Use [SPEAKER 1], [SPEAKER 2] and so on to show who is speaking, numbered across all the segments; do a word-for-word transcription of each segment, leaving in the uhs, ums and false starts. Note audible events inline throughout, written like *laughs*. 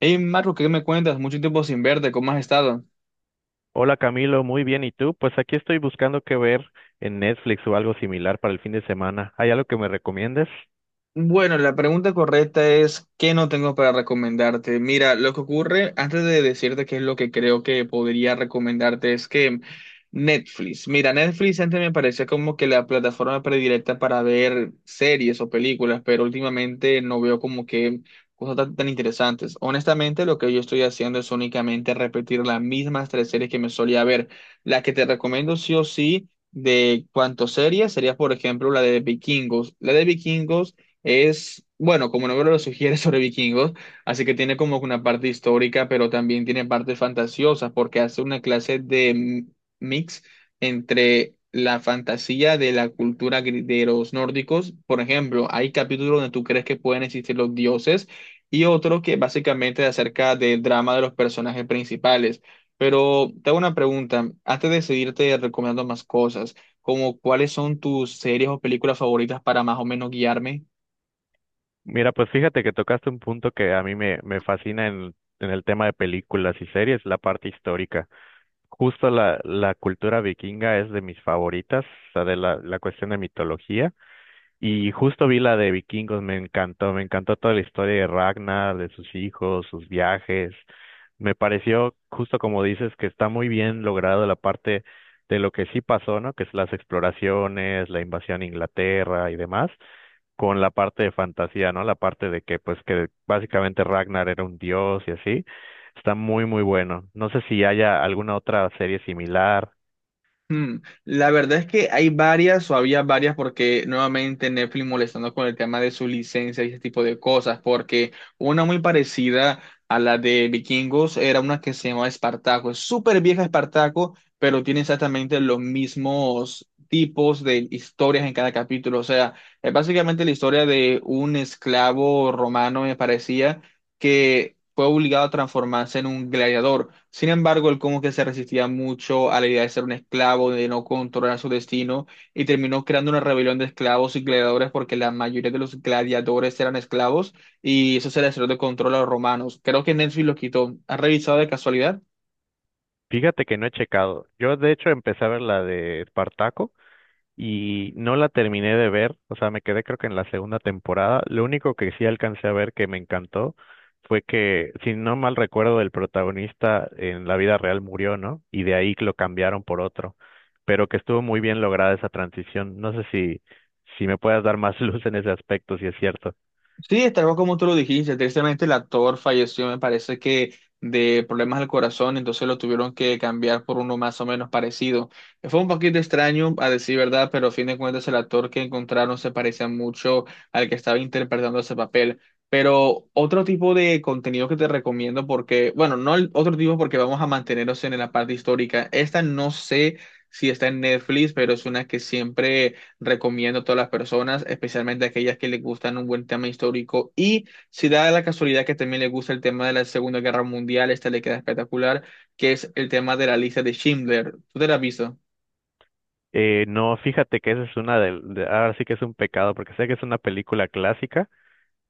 [SPEAKER 1] Hey Marco, ¿qué me cuentas? Mucho tiempo sin verte, ¿cómo has estado?
[SPEAKER 2] Hola Camilo, muy bien. ¿Y tú? Pues aquí estoy buscando qué ver en Netflix o algo similar para el fin de semana. ¿Hay algo que me recomiendes?
[SPEAKER 1] Bueno, la pregunta correcta es, ¿qué no tengo para recomendarte? Mira, lo que ocurre, antes de decirte qué es lo que creo que podría recomendarte, es que Netflix, mira, Netflix antes me parecía como que la plataforma predilecta para ver series o películas, pero últimamente no veo como que cosas tan, tan interesantes. Honestamente, lo que yo estoy haciendo es únicamente repetir las mismas tres series que me solía ver. La que te recomiendo sí o sí. De cuánto serie sería, por ejemplo, la de Vikingos. La de Vikingos es, bueno, como el nombre lo sugiere, *laughs* sobre vikingos, así que tiene como una parte histórica, pero también tiene partes fantasiosas, porque hace una clase de mi- mix entre la fantasía de la cultura gri- de los nórdicos. Por ejemplo, hay capítulos donde tú crees que pueden existir los dioses y otro que básicamente es acerca del drama de los personajes principales. Pero te hago una pregunta, antes de seguirte recomendando más cosas, como cuáles son tus series o películas favoritas para más o menos guiarme.
[SPEAKER 2] Mira, pues fíjate que tocaste un punto que a mí me, me fascina en, en el tema de películas y series, la parte histórica. Justo la, la cultura vikinga es de mis favoritas, o sea, de la, la cuestión de mitología. Y justo vi la de Vikingos, me encantó, me encantó toda la historia de Ragnar, de sus hijos, sus viajes. Me pareció, justo como dices, que está muy bien logrado la parte de lo que sí pasó, ¿no? Que es las exploraciones, la invasión a Inglaterra y demás, con la parte de fantasía, ¿no? La parte de que, pues, que básicamente Ragnar era un dios y así. Está muy, muy bueno. No sé si haya alguna otra serie similar.
[SPEAKER 1] Mm, La verdad es que hay varias o había varias porque nuevamente Netflix molestando con el tema de su licencia y ese tipo de cosas, porque una muy parecida a la de Vikingos era una que se llamaba Espartaco. Es súper vieja Espartaco, pero tiene exactamente los mismos tipos de historias en cada capítulo. O sea, es básicamente la historia de un esclavo romano, me parecía que fue obligado a transformarse en un gladiador. Sin embargo, él como que se resistía mucho a la idea de ser un esclavo, de no controlar su destino, y terminó creando una rebelión de esclavos y gladiadores porque la mayoría de los gladiadores eran esclavos y eso se le salió de control a los romanos. Creo que Netflix lo quitó. ¿Has revisado de casualidad?
[SPEAKER 2] Fíjate que no he checado. Yo, de hecho, empecé a ver la de Espartaco y no la terminé de ver, o sea, me quedé creo que en la segunda temporada. Lo único que sí alcancé a ver que me encantó fue que, si no mal recuerdo, el protagonista en la vida real murió, ¿no? Y de ahí lo cambiaron por otro, pero que estuvo muy bien lograda esa transición. No sé si, si me puedas dar más *laughs* luz en ese aspecto, si es cierto.
[SPEAKER 1] Sí, es tal cual como tú lo dijiste, tristemente el actor falleció, me parece que de problemas al corazón, entonces lo tuvieron que cambiar por uno más o menos parecido. Fue un poquito extraño, a decir verdad, pero a fin de cuentas el actor que encontraron se parecía mucho al que estaba interpretando ese papel. Pero otro tipo de contenido que te recomiendo, porque, bueno, no el otro tipo porque vamos a mantenernos en la parte histórica. Esta no sé si está en Netflix, pero es una que siempre recomiendo a todas las personas, especialmente a aquellas que les gustan un buen tema histórico. Y si da la casualidad que también les gusta el tema de la Segunda Guerra Mundial, esta le queda espectacular, que es el tema de la lista de Schindler. ¿Tú te la has visto?
[SPEAKER 2] Eh, no, fíjate que esa es una del, de, ahora sí que es un pecado, porque sé que es una película clásica,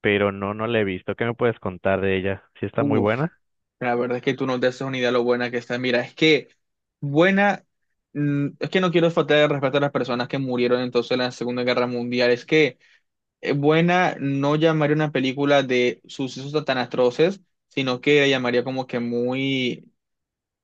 [SPEAKER 2] pero no, no la he visto. ¿Qué me puedes contar de ella? ¿Si está muy
[SPEAKER 1] Uf,
[SPEAKER 2] buena?
[SPEAKER 1] la verdad es que tú no te haces una idea lo buena que está. Mira, es que buena, mm, es que no quiero faltar el respeto a las personas que murieron entonces en la Segunda Guerra Mundial. Es que eh, buena no llamaría una película de sucesos tan atroces, sino que la llamaría como que muy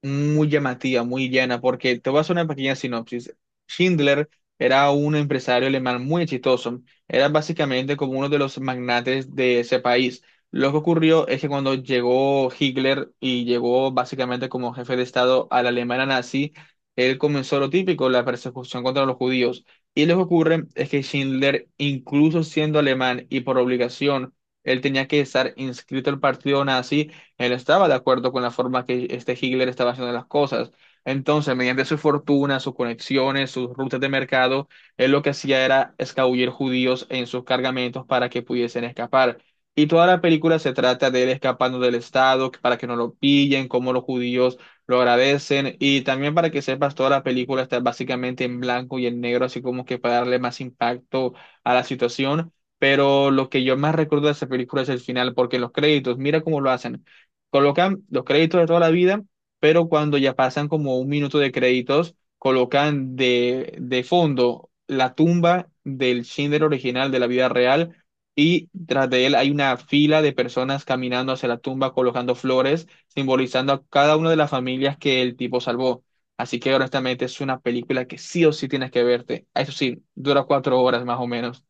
[SPEAKER 1] muy llamativa, muy llana, porque te voy a hacer una pequeña sinopsis. Schindler era un empresario alemán muy exitoso, era básicamente como uno de los magnates de ese país. Lo que ocurrió es que cuando llegó Hitler y llegó básicamente como jefe de Estado a la Alemania nazi, él comenzó lo típico, la persecución contra los judíos. Y lo que ocurre es que Schindler, incluso siendo alemán y por obligación, él tenía que estar inscrito al partido nazi. Él estaba de acuerdo con la forma que este Hitler estaba haciendo las cosas. Entonces, mediante su fortuna, sus conexiones, sus rutas de mercado, él lo que hacía era escabullir judíos en sus cargamentos para que pudiesen escapar. Y toda la película se trata de él escapando del Estado para que no lo pillen, cómo los judíos lo agradecen. Y también para que sepas, toda la película está básicamente en blanco y en negro, así como que para darle más impacto a la situación. Pero lo que yo más recuerdo de esa película es el final, porque en los créditos, mira cómo lo hacen. Colocan los créditos de toda la vida, pero cuando ya pasan como un minuto de créditos, colocan de, de fondo la tumba del Schindler original de la vida real y tras de él hay una fila de personas caminando hacia la tumba colocando flores, simbolizando a cada una de las familias que el tipo salvó. Así que honestamente es una película que sí o sí tienes que verte. Eso sí, dura cuatro horas más o menos.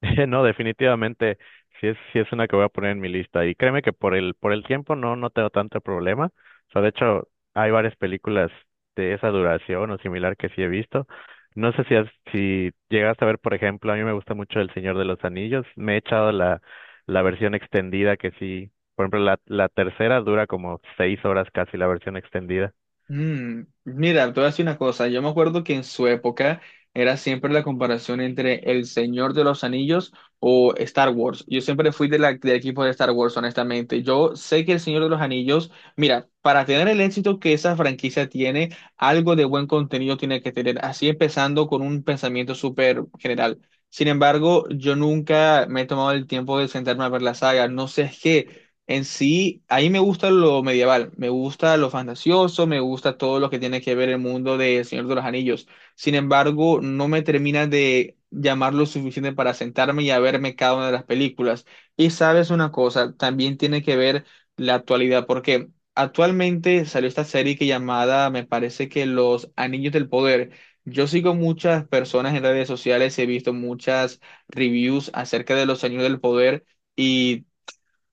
[SPEAKER 2] *laughs* No, definitivamente, sí es, sí es una que voy a poner en mi lista. Y créeme que por el, por el tiempo no, no tengo tanto problema. O sea, de hecho, hay varias películas de esa duración o similar que sí he visto. No sé si, has- si llegaste a ver, por ejemplo, a mí me gusta mucho El Señor de los Anillos. Me he echado la, la versión extendida que sí, por ejemplo, la, la tercera dura como seis horas casi la versión extendida.
[SPEAKER 1] Mm, mira, te voy a decir una cosa. Yo me acuerdo que en su época era siempre la comparación entre El Señor de los Anillos o Star Wars. Yo siempre fui de la- del equipo de Star Wars, honestamente. Yo sé que El Señor de los Anillos, mira, para tener el éxito que esa franquicia tiene, algo de buen contenido tiene que tener. Así empezando con un pensamiento súper general. Sin embargo, yo nunca me he tomado el tiempo de sentarme a ver la saga. No sé qué. En sí, ahí me gusta lo medieval, me gusta lo fantasioso, me gusta todo lo que tiene que ver el mundo de El Señor de los Anillos. Sin embargo, no me termina de llamar lo suficiente para sentarme y a verme cada una de las películas. Y sabes una cosa, también tiene que ver la actualidad, porque actualmente salió esta serie que llamada, me parece que Los Anillos del Poder. Yo sigo muchas personas en redes sociales, he visto muchas reviews acerca de Los Anillos del Poder. Y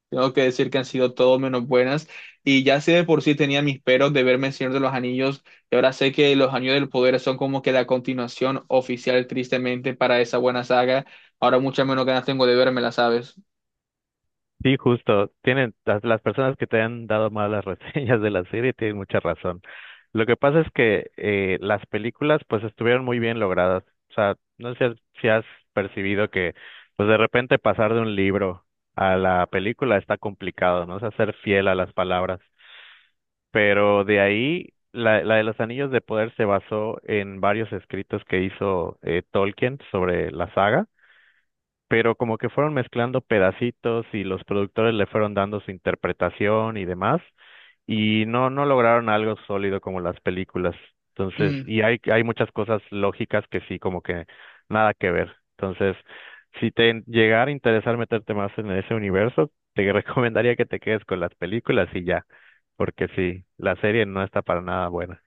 [SPEAKER 1] tengo que decir que han sido todo menos buenas. Y ya sé de por sí tenía mis peros de verme el Señor de los Anillos. Y ahora sé que los Anillos del Poder son como que la continuación oficial, tristemente, para esa buena saga. Ahora muchas menos ganas tengo de verme, ¿la ¿sabes?
[SPEAKER 2] Sí, justo. Tienen las, las personas que te han dado malas *laughs* reseñas de la serie tienen mucha razón. Lo que pasa es que eh, las películas pues estuvieron muy bien logradas. O sea, no sé si has percibido que pues de repente pasar de un libro a la película está complicado, ¿no? O sea, ser fiel a las palabras. Pero de ahí, la, la de los Anillos de Poder se basó en varios escritos que hizo eh, Tolkien sobre la saga pero como que fueron mezclando pedacitos y los productores le fueron dando su interpretación y demás, y no, no lograron algo sólido como las películas. Entonces, y hay, hay muchas cosas lógicas que sí, como que nada que ver. Entonces, si te llegara a interesar meterte más en ese universo, te *laughs* recomendaría que te quedes con las películas y ya, porque sí, la serie no está para nada buena.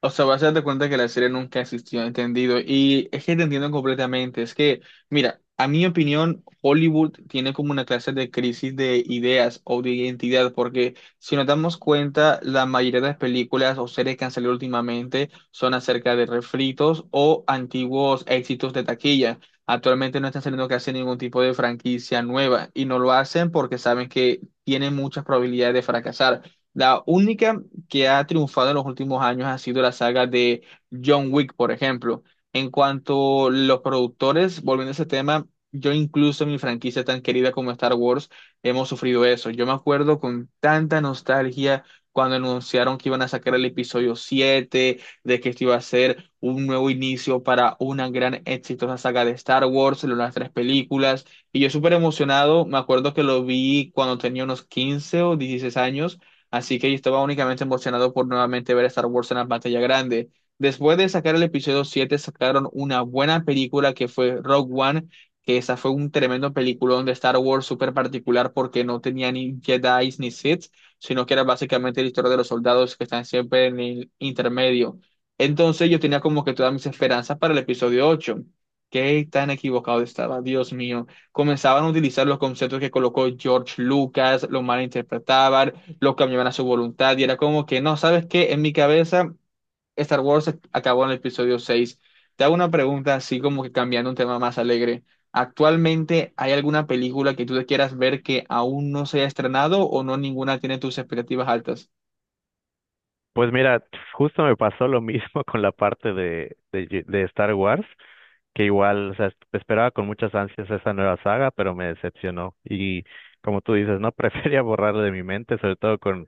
[SPEAKER 1] O sea, vas a darte cuenta que la serie nunca existió, entendido. Y es que te entiendo completamente. Es que, mira, a mi opinión, Hollywood tiene como una clase de crisis de ideas o de identidad, porque si nos damos cuenta, la mayoría de las películas o series que han salido últimamente son acerca de refritos o antiguos éxitos de taquilla. Actualmente no están saliendo casi ningún tipo de franquicia nueva y no lo hacen porque saben que tienen muchas probabilidades de fracasar. La única que ha triunfado en los últimos años ha sido la saga de John Wick, por ejemplo. En cuanto a los productores, volviendo a ese tema, yo incluso en mi franquicia tan querida como Star Wars hemos sufrido eso. Yo me acuerdo con tanta nostalgia cuando anunciaron que iban a sacar el episodio siete de que esto iba a ser un nuevo inicio para una gran exitosa saga de Star Wars, las tres películas. Y yo súper emocionado, me acuerdo que lo vi cuando tenía unos quince o dieciséis años. Así que yo estaba únicamente emocionado por nuevamente ver Star Wars en la pantalla grande. Después de sacar el episodio siete sacaron una buena película que fue Rogue One, que esa fue un tremendo peliculón de Star Wars súper particular porque no tenía ni Jedi ni Sith, sino que era básicamente la historia de los soldados que están siempre en el intermedio. Entonces yo tenía como que todas mis esperanzas para el episodio ocho. Qué tan equivocado estaba, Dios mío. Comenzaban a utilizar los conceptos que colocó George Lucas, lo malinterpretaban, lo cambiaban a su voluntad y era como que, no, ¿sabes qué? En mi cabeza, Star Wars acabó en el episodio seis. Te hago una pregunta así como que cambiando un tema más alegre. ¿Actualmente hay alguna película que tú te quieras ver que aún no se haya estrenado o no ninguna tiene tus expectativas altas?
[SPEAKER 2] Pues mira, justo me pasó lo mismo *laughs* con la parte de, de, de Star Wars. Que igual, o sea, esperaba con muchas ansias esa nueva saga, pero me decepcionó. Y como tú dices, no *laughs* prefería borrarla de mi mente, sobre todo con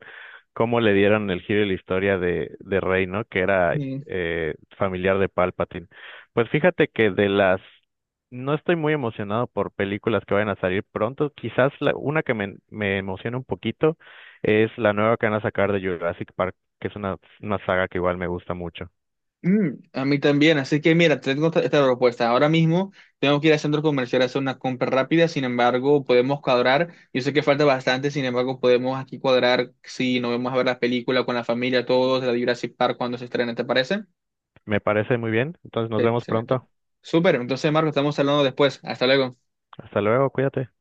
[SPEAKER 2] cómo le dieron el giro de la historia de, de Rey, ¿no? Que era eh, familiar de Palpatine. Pues fíjate que de las... No estoy muy emocionado por películas que vayan a salir pronto. Quizás la, una que me, me emociona un poquito es la nueva que van a sacar de Jurassic Park, que es una, una saga que igual me gusta mucho.
[SPEAKER 1] Mm, a mí también, así que mira, te tengo esta, esta propuesta. Ahora mismo tengo que ir al centro comercial a hacer una compra rápida, sin embargo, podemos cuadrar. Yo sé que falta bastante, sin embargo, podemos aquí cuadrar si nos vamos a ver la película con la familia, todos, la de Jurassic Park cuando se estrene, ¿te parece?
[SPEAKER 2] Me parece muy bien. Entonces nos vemos
[SPEAKER 1] Excelente.
[SPEAKER 2] pronto.
[SPEAKER 1] Súper, entonces, Marco, estamos hablando después. Hasta luego.
[SPEAKER 2] Hasta luego, cuídate.